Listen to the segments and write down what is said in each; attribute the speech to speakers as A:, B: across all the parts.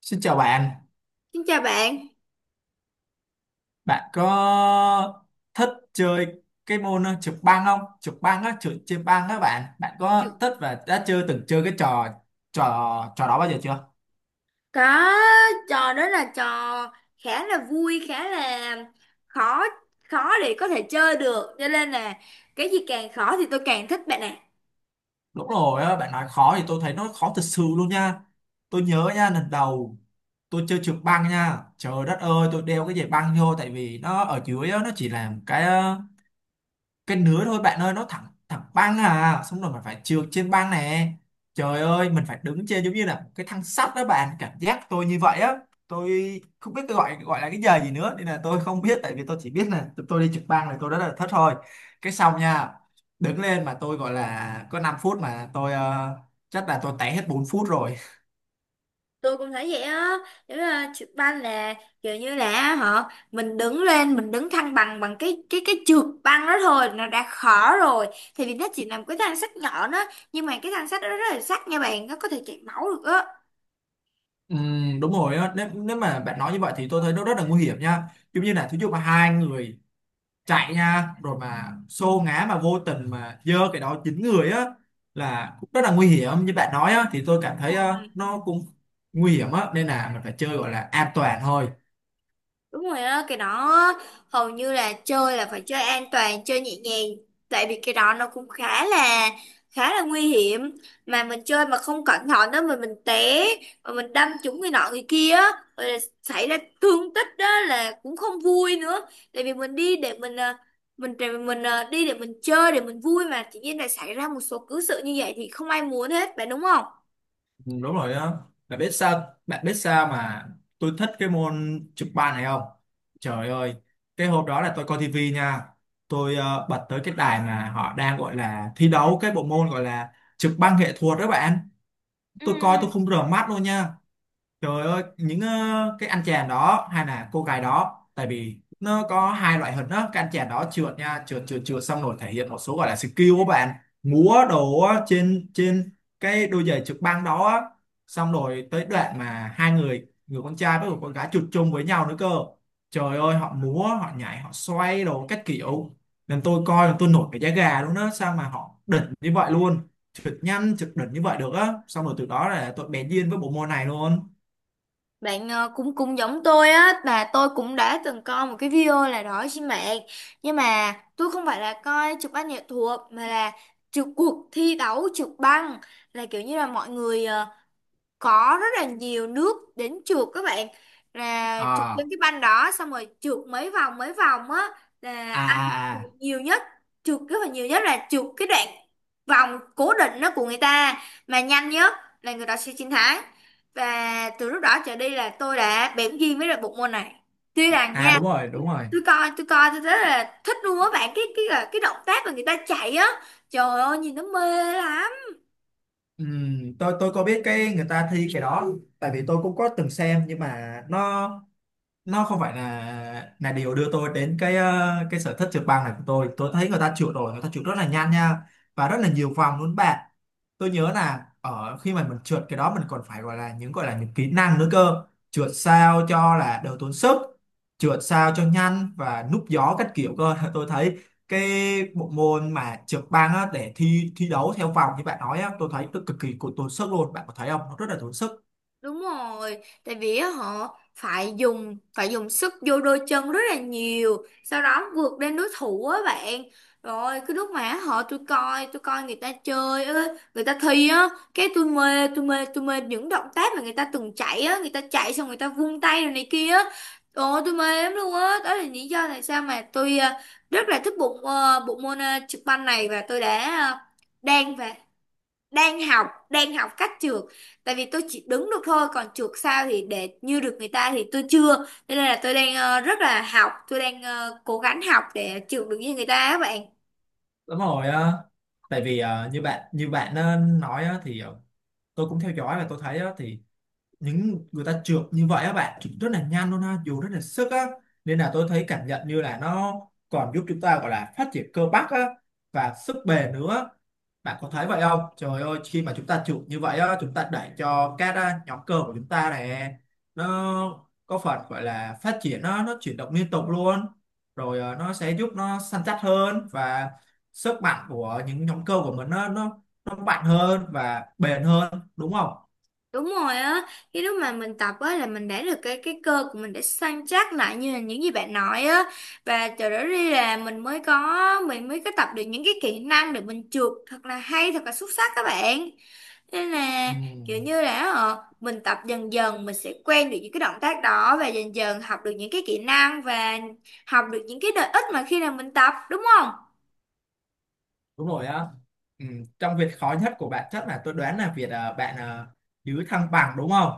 A: Xin chào bạn,
B: Xin chào bạn.
A: bạn có thích chơi cái môn trượt băng không? Trượt băng á, trượt trên băng á bạn, bạn có
B: Trường-
A: thích và đã chưa từng chơi cái trò trò trò đó bao giờ chưa?
B: Có, trò đó là trò khá là vui, khá là khó khó để có thể chơi được. Cho nên là cái gì càng khó thì tôi càng thích bạn ạ.
A: Đúng rồi á, bạn nói khó thì tôi thấy nó khó thật sự luôn nha. Tôi nhớ nha, lần đầu tôi chơi trượt băng nha, trời đất ơi, tôi đeo cái giày băng vô tại vì nó ở dưới á, nó chỉ là một cái nứa thôi bạn ơi, nó thẳng thẳng băng à, xong rồi mình phải trượt trên băng này. Trời ơi, mình phải đứng trên giống như là một cái thang sắt đó bạn, cảm giác tôi như vậy á. Tôi không biết cái gọi gọi là cái giờ gì nữa, nên là tôi không biết, tại vì tôi chỉ biết là tụi tôi đi trượt băng này, tôi đã là thất thôi. Cái xong nha, đứng lên mà tôi gọi là có 5 phút mà chắc là tôi té hết 4 phút rồi.
B: Tôi cũng thấy vậy á. Giống như là trượt băng là kiểu như là họ mình đứng lên, mình đứng thăng bằng bằng cái trượt băng đó thôi nó đã khó rồi. Thì vì nó chỉ là một cái thanh sắt nhỏ đó, nhưng mà cái thanh sắt đó rất là sắc nha bạn, nó có thể chảy máu được
A: Ừ, đúng rồi á. Nếu mà bạn nói như vậy thì tôi thấy nó rất là nguy hiểm nha, giống như là thí dụ mà hai người chạy nha, rồi mà xô ngã mà vô tình mà giơ cái đó dính người á là cũng rất là nguy hiểm như bạn nói á, thì tôi cảm thấy
B: á.
A: nó cũng nguy hiểm á, nên là mình phải chơi gọi là an toàn thôi.
B: Đúng rồi á, cái đó hầu như là chơi là phải chơi an toàn, chơi nhẹ nhàng. Tại vì cái đó nó cũng khá là nguy hiểm. Mà mình chơi mà không cẩn thận đó mà mình té, mà mình đâm trúng người nọ người kia, á, rồi là xảy ra thương tích đó là cũng không vui nữa. Tại vì mình đi để mình à, mình để mình à, đi để mình chơi để mình vui mà tự nhiên lại xảy ra một số cứ sự như vậy thì không ai muốn hết, phải đúng không?
A: Ừ, đúng rồi á, bạn biết sao, bạn biết sao mà tôi thích cái môn chụp bàn này không? Trời ơi, cái hôm đó là tôi coi tivi nha, bật tới cái đài mà họ đang gọi là thi đấu cái bộ môn gọi là chụp băng nghệ thuật đó bạn.
B: Ừ,
A: Tôi coi tôi không rửa mắt luôn nha. Trời ơi, cái anh chàng đó hay là cô gái đó, tại vì nó có hai loại hình đó, cái anh chàng đó trượt nha, trượt trượt trượt xong rồi thể hiện một số gọi là skill của bạn, múa đồ á, trên trên cái đôi giày trượt băng đó á. Xong rồi tới đoạn mà hai người, người con trai với người con gái trượt chung với nhau nữa cơ. Trời ơi, họ múa, họ nhảy, họ xoay đồ các kiểu. Nên tôi coi là tôi nổi cái da gà luôn đó, sao mà họ đỉnh như vậy luôn. Trượt nhanh, trượt đỉnh như vậy được á. Xong rồi từ đó là tôi bén duyên với bộ môn này luôn.
B: bạn cũng cũng giống tôi á, mà tôi cũng đã từng coi một cái video là đó trên mạng. Nhưng mà tôi không phải là coi chụp ảnh nghệ thuật, mà là chụp cuộc thi đấu trượt băng, là kiểu như là mọi người có rất là nhiều nước đến trượt các bạn, là trượt
A: à
B: trên cái banh đó xong rồi trượt mấy vòng á, là
A: à
B: ai mà trượt
A: à
B: nhiều nhất, trượt rất là nhiều nhất là trượt cái đoạn vòng cố định đó của người ta mà nhanh nhất là người ta sẽ chiến thắng. Và từ lúc đó trở đi là tôi đã bén duyên với lại bộ môn này, tuy rằng
A: À,
B: nha.
A: đúng rồi, đúng rồi.
B: Tôi coi tôi rất là thích luôn á bạn, cái động tác mà người ta chạy á, trời ơi nhìn nó mê lắm.
A: Tôi có biết cái người ta thi cái đó, tại vì tôi cũng có từng xem, nhưng mà nó không phải là điều đưa tôi đến cái sở thích trượt băng này của tôi. Tôi thấy người ta trượt, rồi người ta trượt rất là nhanh nha, và rất là nhiều vòng luôn bạn. Tôi nhớ là ở khi mà mình trượt cái đó mình còn phải gọi là những, gọi là những kỹ năng nữa cơ. Trượt sao cho là đỡ tốn sức, trượt sao cho nhanh và núp gió các kiểu cơ. Tôi thấy cái bộ môn mà trượt băng á, để thi thi đấu theo vòng như bạn nói á, tôi thấy cực kỳ tốn sức luôn, bạn có thấy không, nó rất là tốn sức.
B: Đúng rồi, tại vì á, họ phải dùng sức vô đôi chân rất là nhiều, sau đó vượt lên đối thủ á bạn. Rồi cái lúc mà họ tôi coi người ta chơi á, người ta thi á, cái tôi mê, tôi mê, tôi mê những động tác mà người ta từng chạy á, người ta chạy xong người ta vung tay rồi này kia á. Ồ tôi mê lắm luôn á, đó là lý do tại sao mà tôi rất là thích bộ môn trực banh này, và tôi đang và đang học cách trượt. Tại vì tôi chỉ đứng được thôi còn trượt sao thì để như được người ta thì tôi chưa, cho nên là tôi đang rất là học, tôi đang cố gắng học để trượt được như người ta á bạn.
A: Đúng rồi á, tại vì à, như bạn nói á, thì tôi cũng theo dõi và tôi thấy á, thì những người ta trượt như vậy á bạn, trượt rất là nhanh luôn ha, dù rất là sức á, nên là tôi thấy cảm nhận như là nó còn giúp chúng ta gọi là phát triển cơ bắp á, và sức bền nữa. Bạn có thấy vậy không? Trời ơi, khi mà chúng ta trượt như vậy á, chúng ta đẩy cho các à, nhóm cơ của chúng ta này nó có phần gọi là phát triển, nó chuyển động liên tục luôn, rồi nó sẽ giúp nó săn chắc hơn, và sức mạnh của những nhóm cơ của mình nó mạnh hơn và bền hơn, đúng không?
B: Đúng rồi á, cái lúc mà mình tập á là mình để được cái cơ của mình để săn chắc lại như là những gì bạn nói á, và từ đó đi là mình mới có tập được những cái kỹ năng để mình trượt thật là hay thật là xuất sắc các bạn. Nên là
A: Ừ.
B: kiểu như là ờ, mình tập dần dần mình sẽ quen được những cái động tác đó, và dần dần học được những cái kỹ năng và học được những cái lợi ích mà khi nào mình tập đúng không?
A: Đúng rồi á. Ừ, trong việc khó nhất của bạn chắc là tôi đoán là việc à, bạn à, giữ thăng bằng đúng không?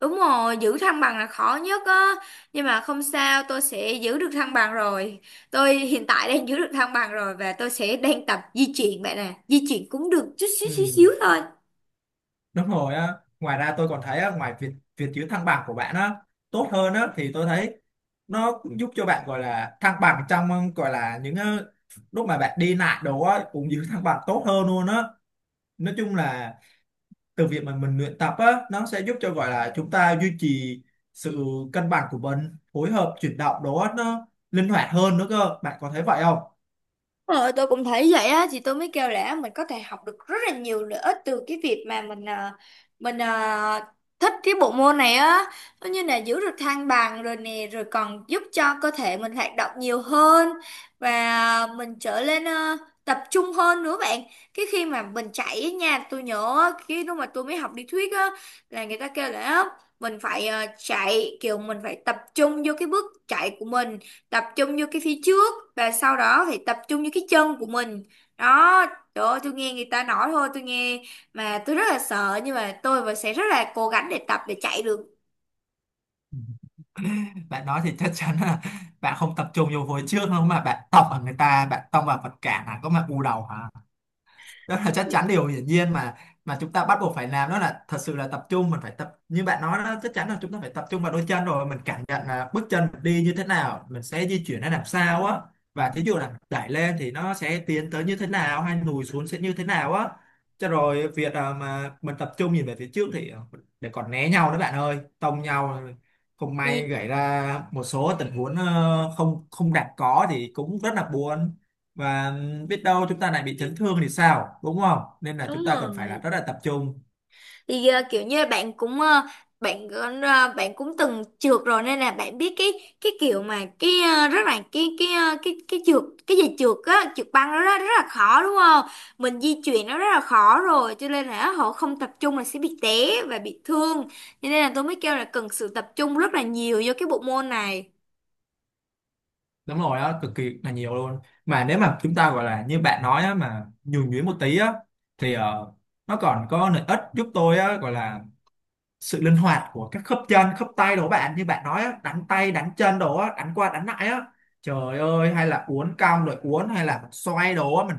B: Đúng rồi, giữ thăng bằng là khó nhất á. Nhưng mà không sao, tôi sẽ giữ được thăng bằng rồi. Tôi hiện tại đang giữ được thăng bằng rồi, và tôi sẽ đang tập di chuyển bạn nè. Di chuyển cũng được chút xíu xíu
A: Ừ,
B: xíu thôi.
A: đúng rồi á. Ngoài ra tôi còn thấy á, ngoài việc việc giữ thăng bằng của bạn á tốt hơn á, thì tôi thấy nó cũng giúp cho bạn gọi là thăng bằng trong gọi là lúc mà bạn đi lại đồ á cũng giữ thăng bằng tốt hơn luôn á. Nói chung là từ việc mà mình luyện tập á, nó sẽ giúp cho gọi là chúng ta duy trì sự cân bằng của mình, phối hợp chuyển động đó nó linh hoạt hơn nữa cơ. Bạn có thấy vậy không?
B: Ờ, tôi cũng thấy vậy á, thì tôi mới kêu là mình có thể học được rất là nhiều lợi ích từ cái việc mà mình thích cái bộ môn này á. Nó như là giữ được thăng bằng rồi nè, rồi còn giúp cho cơ thể mình hoạt động nhiều hơn và mình trở lên tập trung hơn nữa bạn. Cái khi mà mình chạy á nha, tôi nhớ á, khi lúc mà tôi mới học lý thuyết á là người ta kêu là á, mình phải chạy kiểu mình phải tập trung vô cái bước chạy của mình, tập trung vô cái phía trước và sau đó thì tập trung vô cái chân của mình đó. Trời ơi tôi nghe người ta nói thôi tôi nghe mà tôi rất là sợ, nhưng mà tôi vẫn sẽ rất là cố gắng để tập để chạy được.
A: Bạn nói thì chắc chắn là bạn không tập trung vô hồi trước đâu, mà bạn tông vào người ta, bạn tông vào vật cản hả, có mà u đầu hả? Đó là chắc chắn điều hiển nhiên mà chúng ta bắt buộc phải làm đó là thật sự là tập trung. Mình phải tập như bạn nói đó, chắc chắn là chúng ta phải tập trung vào đôi chân, rồi mình cảm nhận là bước chân mình đi như thế nào, mình sẽ di chuyển ra làm sao á, và thí dụ là đẩy lên thì nó sẽ tiến tới như thế nào, hay lùi xuống sẽ như thế nào á. Cho rồi việc à, mà mình tập trung nhìn về phía trước thì để còn né nhau đó bạn ơi, tông nhau không may
B: Thì
A: gãy ra một số tình huống không không đạt có thì cũng rất là buồn, và biết đâu chúng ta lại bị chấn thương thì sao, đúng không? Nên là
B: đúng
A: chúng ta cần phải là
B: rồi,
A: rất là tập trung.
B: thì kiểu như là bạn cũng bạn bạn cũng từng trượt rồi, nên là bạn biết cái kiểu mà cái rất là cái trượt cái gì trượt á trượt băng đó rất, rất là khó đúng không. Mình di chuyển nó rất là khó rồi, cho nên là họ không tập trung là sẽ bị té và bị thương. Cho nên là tôi mới kêu là cần sự tập trung rất là nhiều vô cái bộ môn này.
A: Đúng rồi đó, cực kỳ là nhiều luôn. Mà nếu mà chúng ta gọi là như bạn nói á, mà nhường nhuyễn một tí á, thì nó còn có lợi ích giúp tôi á, gọi là sự linh hoạt của các khớp chân khớp tay đó bạn, như bạn nói á, đánh tay đánh chân đó, đánh qua đánh lại á. Trời ơi, hay là uốn cong rồi uốn, hay là mình xoay đồ, mình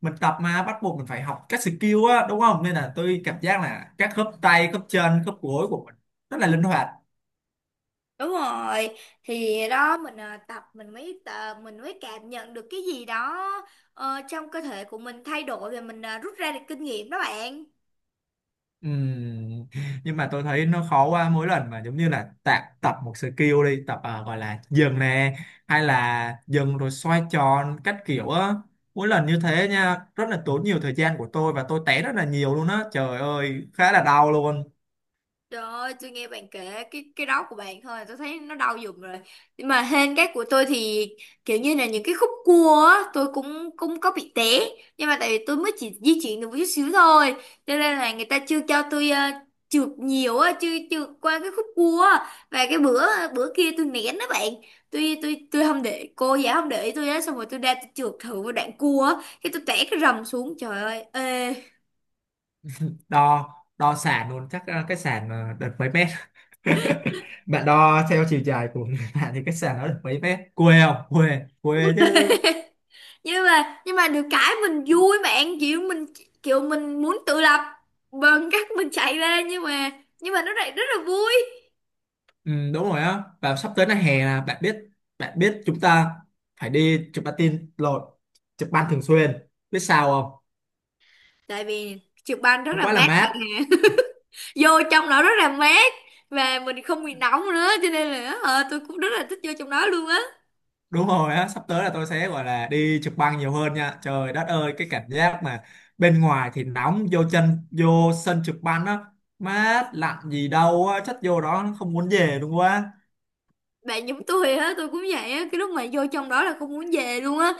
A: mình tập mà bắt buộc mình phải học các skill á, đúng không? Nên là tôi cảm giác là các khớp tay khớp chân khớp gối của mình rất là linh hoạt.
B: Đúng rồi, thì đó mình tập, mình mới cảm nhận được cái gì đó trong cơ thể của mình thay đổi, và mình rút ra được kinh nghiệm đó bạn.
A: Ừm, nhưng mà tôi thấy nó khó, qua mỗi lần mà giống như là tập tập một skill, đi tập à, gọi là dừng nè, hay là dừng rồi xoay tròn các kiểu á, mỗi lần như thế nha rất là tốn nhiều thời gian của tôi, và tôi té rất là nhiều luôn á, trời ơi, khá là đau luôn.
B: Trời ơi, tôi nghe bạn kể cái đó của bạn thôi, tôi thấy nó đau giùm rồi. Nhưng mà hên cái của tôi thì kiểu như là những cái khúc cua á, tôi cũng cũng có bị té. Nhưng mà tại vì tôi mới chỉ di chuyển được một chút xíu thôi, cho nên là người ta chưa cho tôi trượt nhiều á, chưa trượt qua cái khúc cua á. Và cái bữa bữa kia tôi nén đó bạn. Tôi không để cô giáo không để ý tôi á, xong rồi tôi ra tôi trượt thử một đoạn cua á, cái tôi té cái rầm xuống. Trời ơi, ê,
A: Đo đo sàn luôn chắc à, cái sàn à, được mấy mét? Bạn đo theo chiều dài của người bạn thì cái sàn nó được mấy mét, quê không, quê quê chứ?
B: nhưng mà được cái mình vui bạn, kiểu mình muốn tự lập bằng cách mình chạy ra, nhưng mà nó lại rất là vui.
A: Ừ, đúng rồi á, và sắp tới là hè là bạn biết, bạn biết chúng ta phải đi chụp patin, tin lộn, chụp băng thường xuyên, biết sao không?
B: Tại vì trượt băng rất
A: Nó
B: là
A: quá là
B: mát
A: mát.
B: bạn ạ, vô trong đó rất là mát và mình không bị nóng nữa, cho nên là tôi cũng rất là thích vô trong đó luôn á.
A: Đúng rồi á, sắp tới là tôi sẽ gọi là đi chụp băng nhiều hơn nha. Trời đất ơi, cái cảm giác mà bên ngoài thì nóng, vô chân vô sân chụp băng á mát lạnh gì đâu á, chất vô đó không muốn về luôn quá.
B: Bạn giống tôi á, tôi cũng vậy á, cái lúc mà vô trong đó là không muốn về luôn á.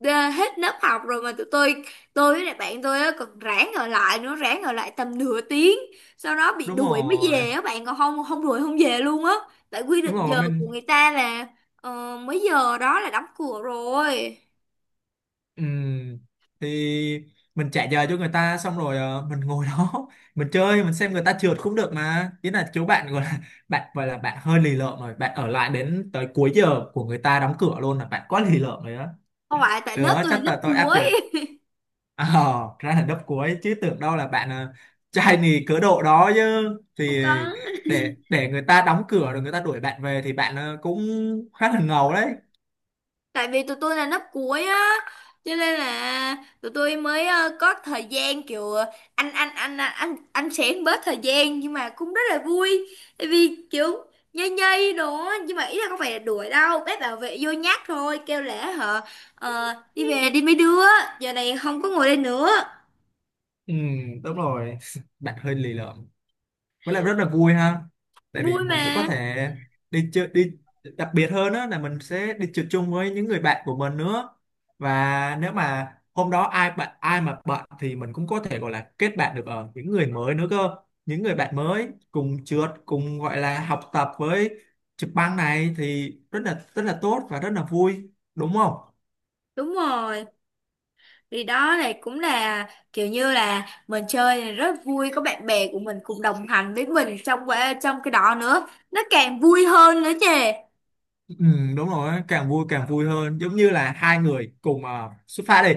B: Hết lớp học rồi mà tụi tôi với lại bạn tôi á còn ráng ở lại nữa, ráng ở lại tầm nửa tiếng, sau đó bị
A: Đúng
B: đuổi mới
A: rồi,
B: về á bạn, còn không không đuổi không về luôn á. Tại quy
A: đúng
B: định
A: rồi
B: giờ của
A: mình.
B: người ta là mấy giờ đó là đóng cửa rồi.
A: Ừ, thì mình trả giờ cho người ta, xong rồi mình ngồi đó mình chơi, mình xem người ta trượt cũng được mà, ý là chú bạn gọi là bạn gọi là bạn hơi lì lợm rồi, bạn ở lại đến tới cuối giờ của người ta đóng cửa luôn là bạn quá lì lợm rồi đó.
B: Không phải tại lớp
A: Được,
B: tôi là
A: chắc
B: lớp
A: là tôi áp
B: cuối.
A: dụng. Ờ, ra là đớp cuối, chứ tưởng đâu là trai nì cớ độ đó chứ, thì
B: Không,
A: để người ta đóng cửa rồi người ta đuổi bạn về thì bạn cũng khá là ngầu đấy.
B: tại vì tụi tôi là lớp cuối á, cho nên là tụi tôi mới có thời gian kiểu anh xén bớt thời gian, nhưng mà cũng rất là vui tại vì kiểu nhây nhây đồ á, nhưng mà ý là không phải là đuổi đâu, bác bảo vệ vô nhắc thôi, kêu lễ hả đi về đi mấy đứa, giờ này không có ngồi đây nữa.
A: Ừ, đúng rồi. Bạn hơi lì lợm, với lại rất là vui ha, tại vì
B: Vui
A: mình cũng có
B: mà.
A: thể đi chơi đi, đặc biệt hơn đó là mình sẽ đi trượt chung với những người bạn của mình nữa, và nếu mà hôm đó ai bạn ai mà bận thì mình cũng có thể gọi là kết bạn được ở những người mới nữa cơ, những người bạn mới cùng trượt cùng gọi là học tập với trực băng này, thì rất là tốt và rất là vui đúng không?
B: Đúng rồi. Đi đó là cũng là kiểu như là mình chơi là rất vui, có bạn bè của mình cùng đồng hành với mình trong cái đó nữa nó càng vui hơn nữa chứ.
A: Ừ, đúng rồi á, càng vui, càng vui hơn, giống như là hai người cùng à, xuất phát đi,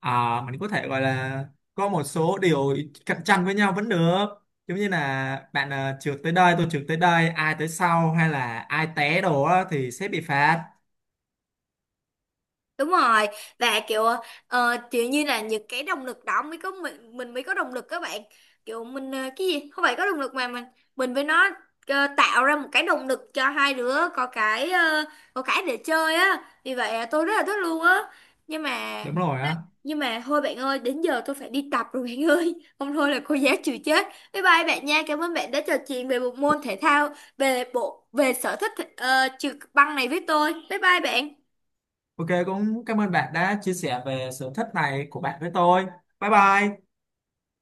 A: à, mình có thể gọi là có một số điều cạnh tranh với nhau vẫn được, giống như là bạn à, trượt tới đây, tôi trượt tới đây, ai tới sau hay là ai té đồ á, thì sẽ bị phạt.
B: Đúng rồi, và kiểu kiểu như là những cái động lực đó mới có mình mới có động lực các bạn, kiểu mình cái gì không phải có động lực mà mình với nó tạo ra một cái động lực cho hai đứa, có cái có cái để chơi á, vì vậy tôi rất là thích luôn á, nhưng mà.
A: Đúng rồi á.
B: Nhưng mà thôi bạn ơi, đến giờ tôi phải đi tập rồi bạn ơi. Không thôi là cô giáo chịu chết. Bye bye bạn nha. Cảm ơn bạn đã trò chuyện về bộ môn thể thao, về bộ về sở thích trượt băng này với tôi. Bye bye bạn.
A: OK, cũng cảm ơn bạn đã chia sẻ về sở thích này của bạn với tôi. Bye bye.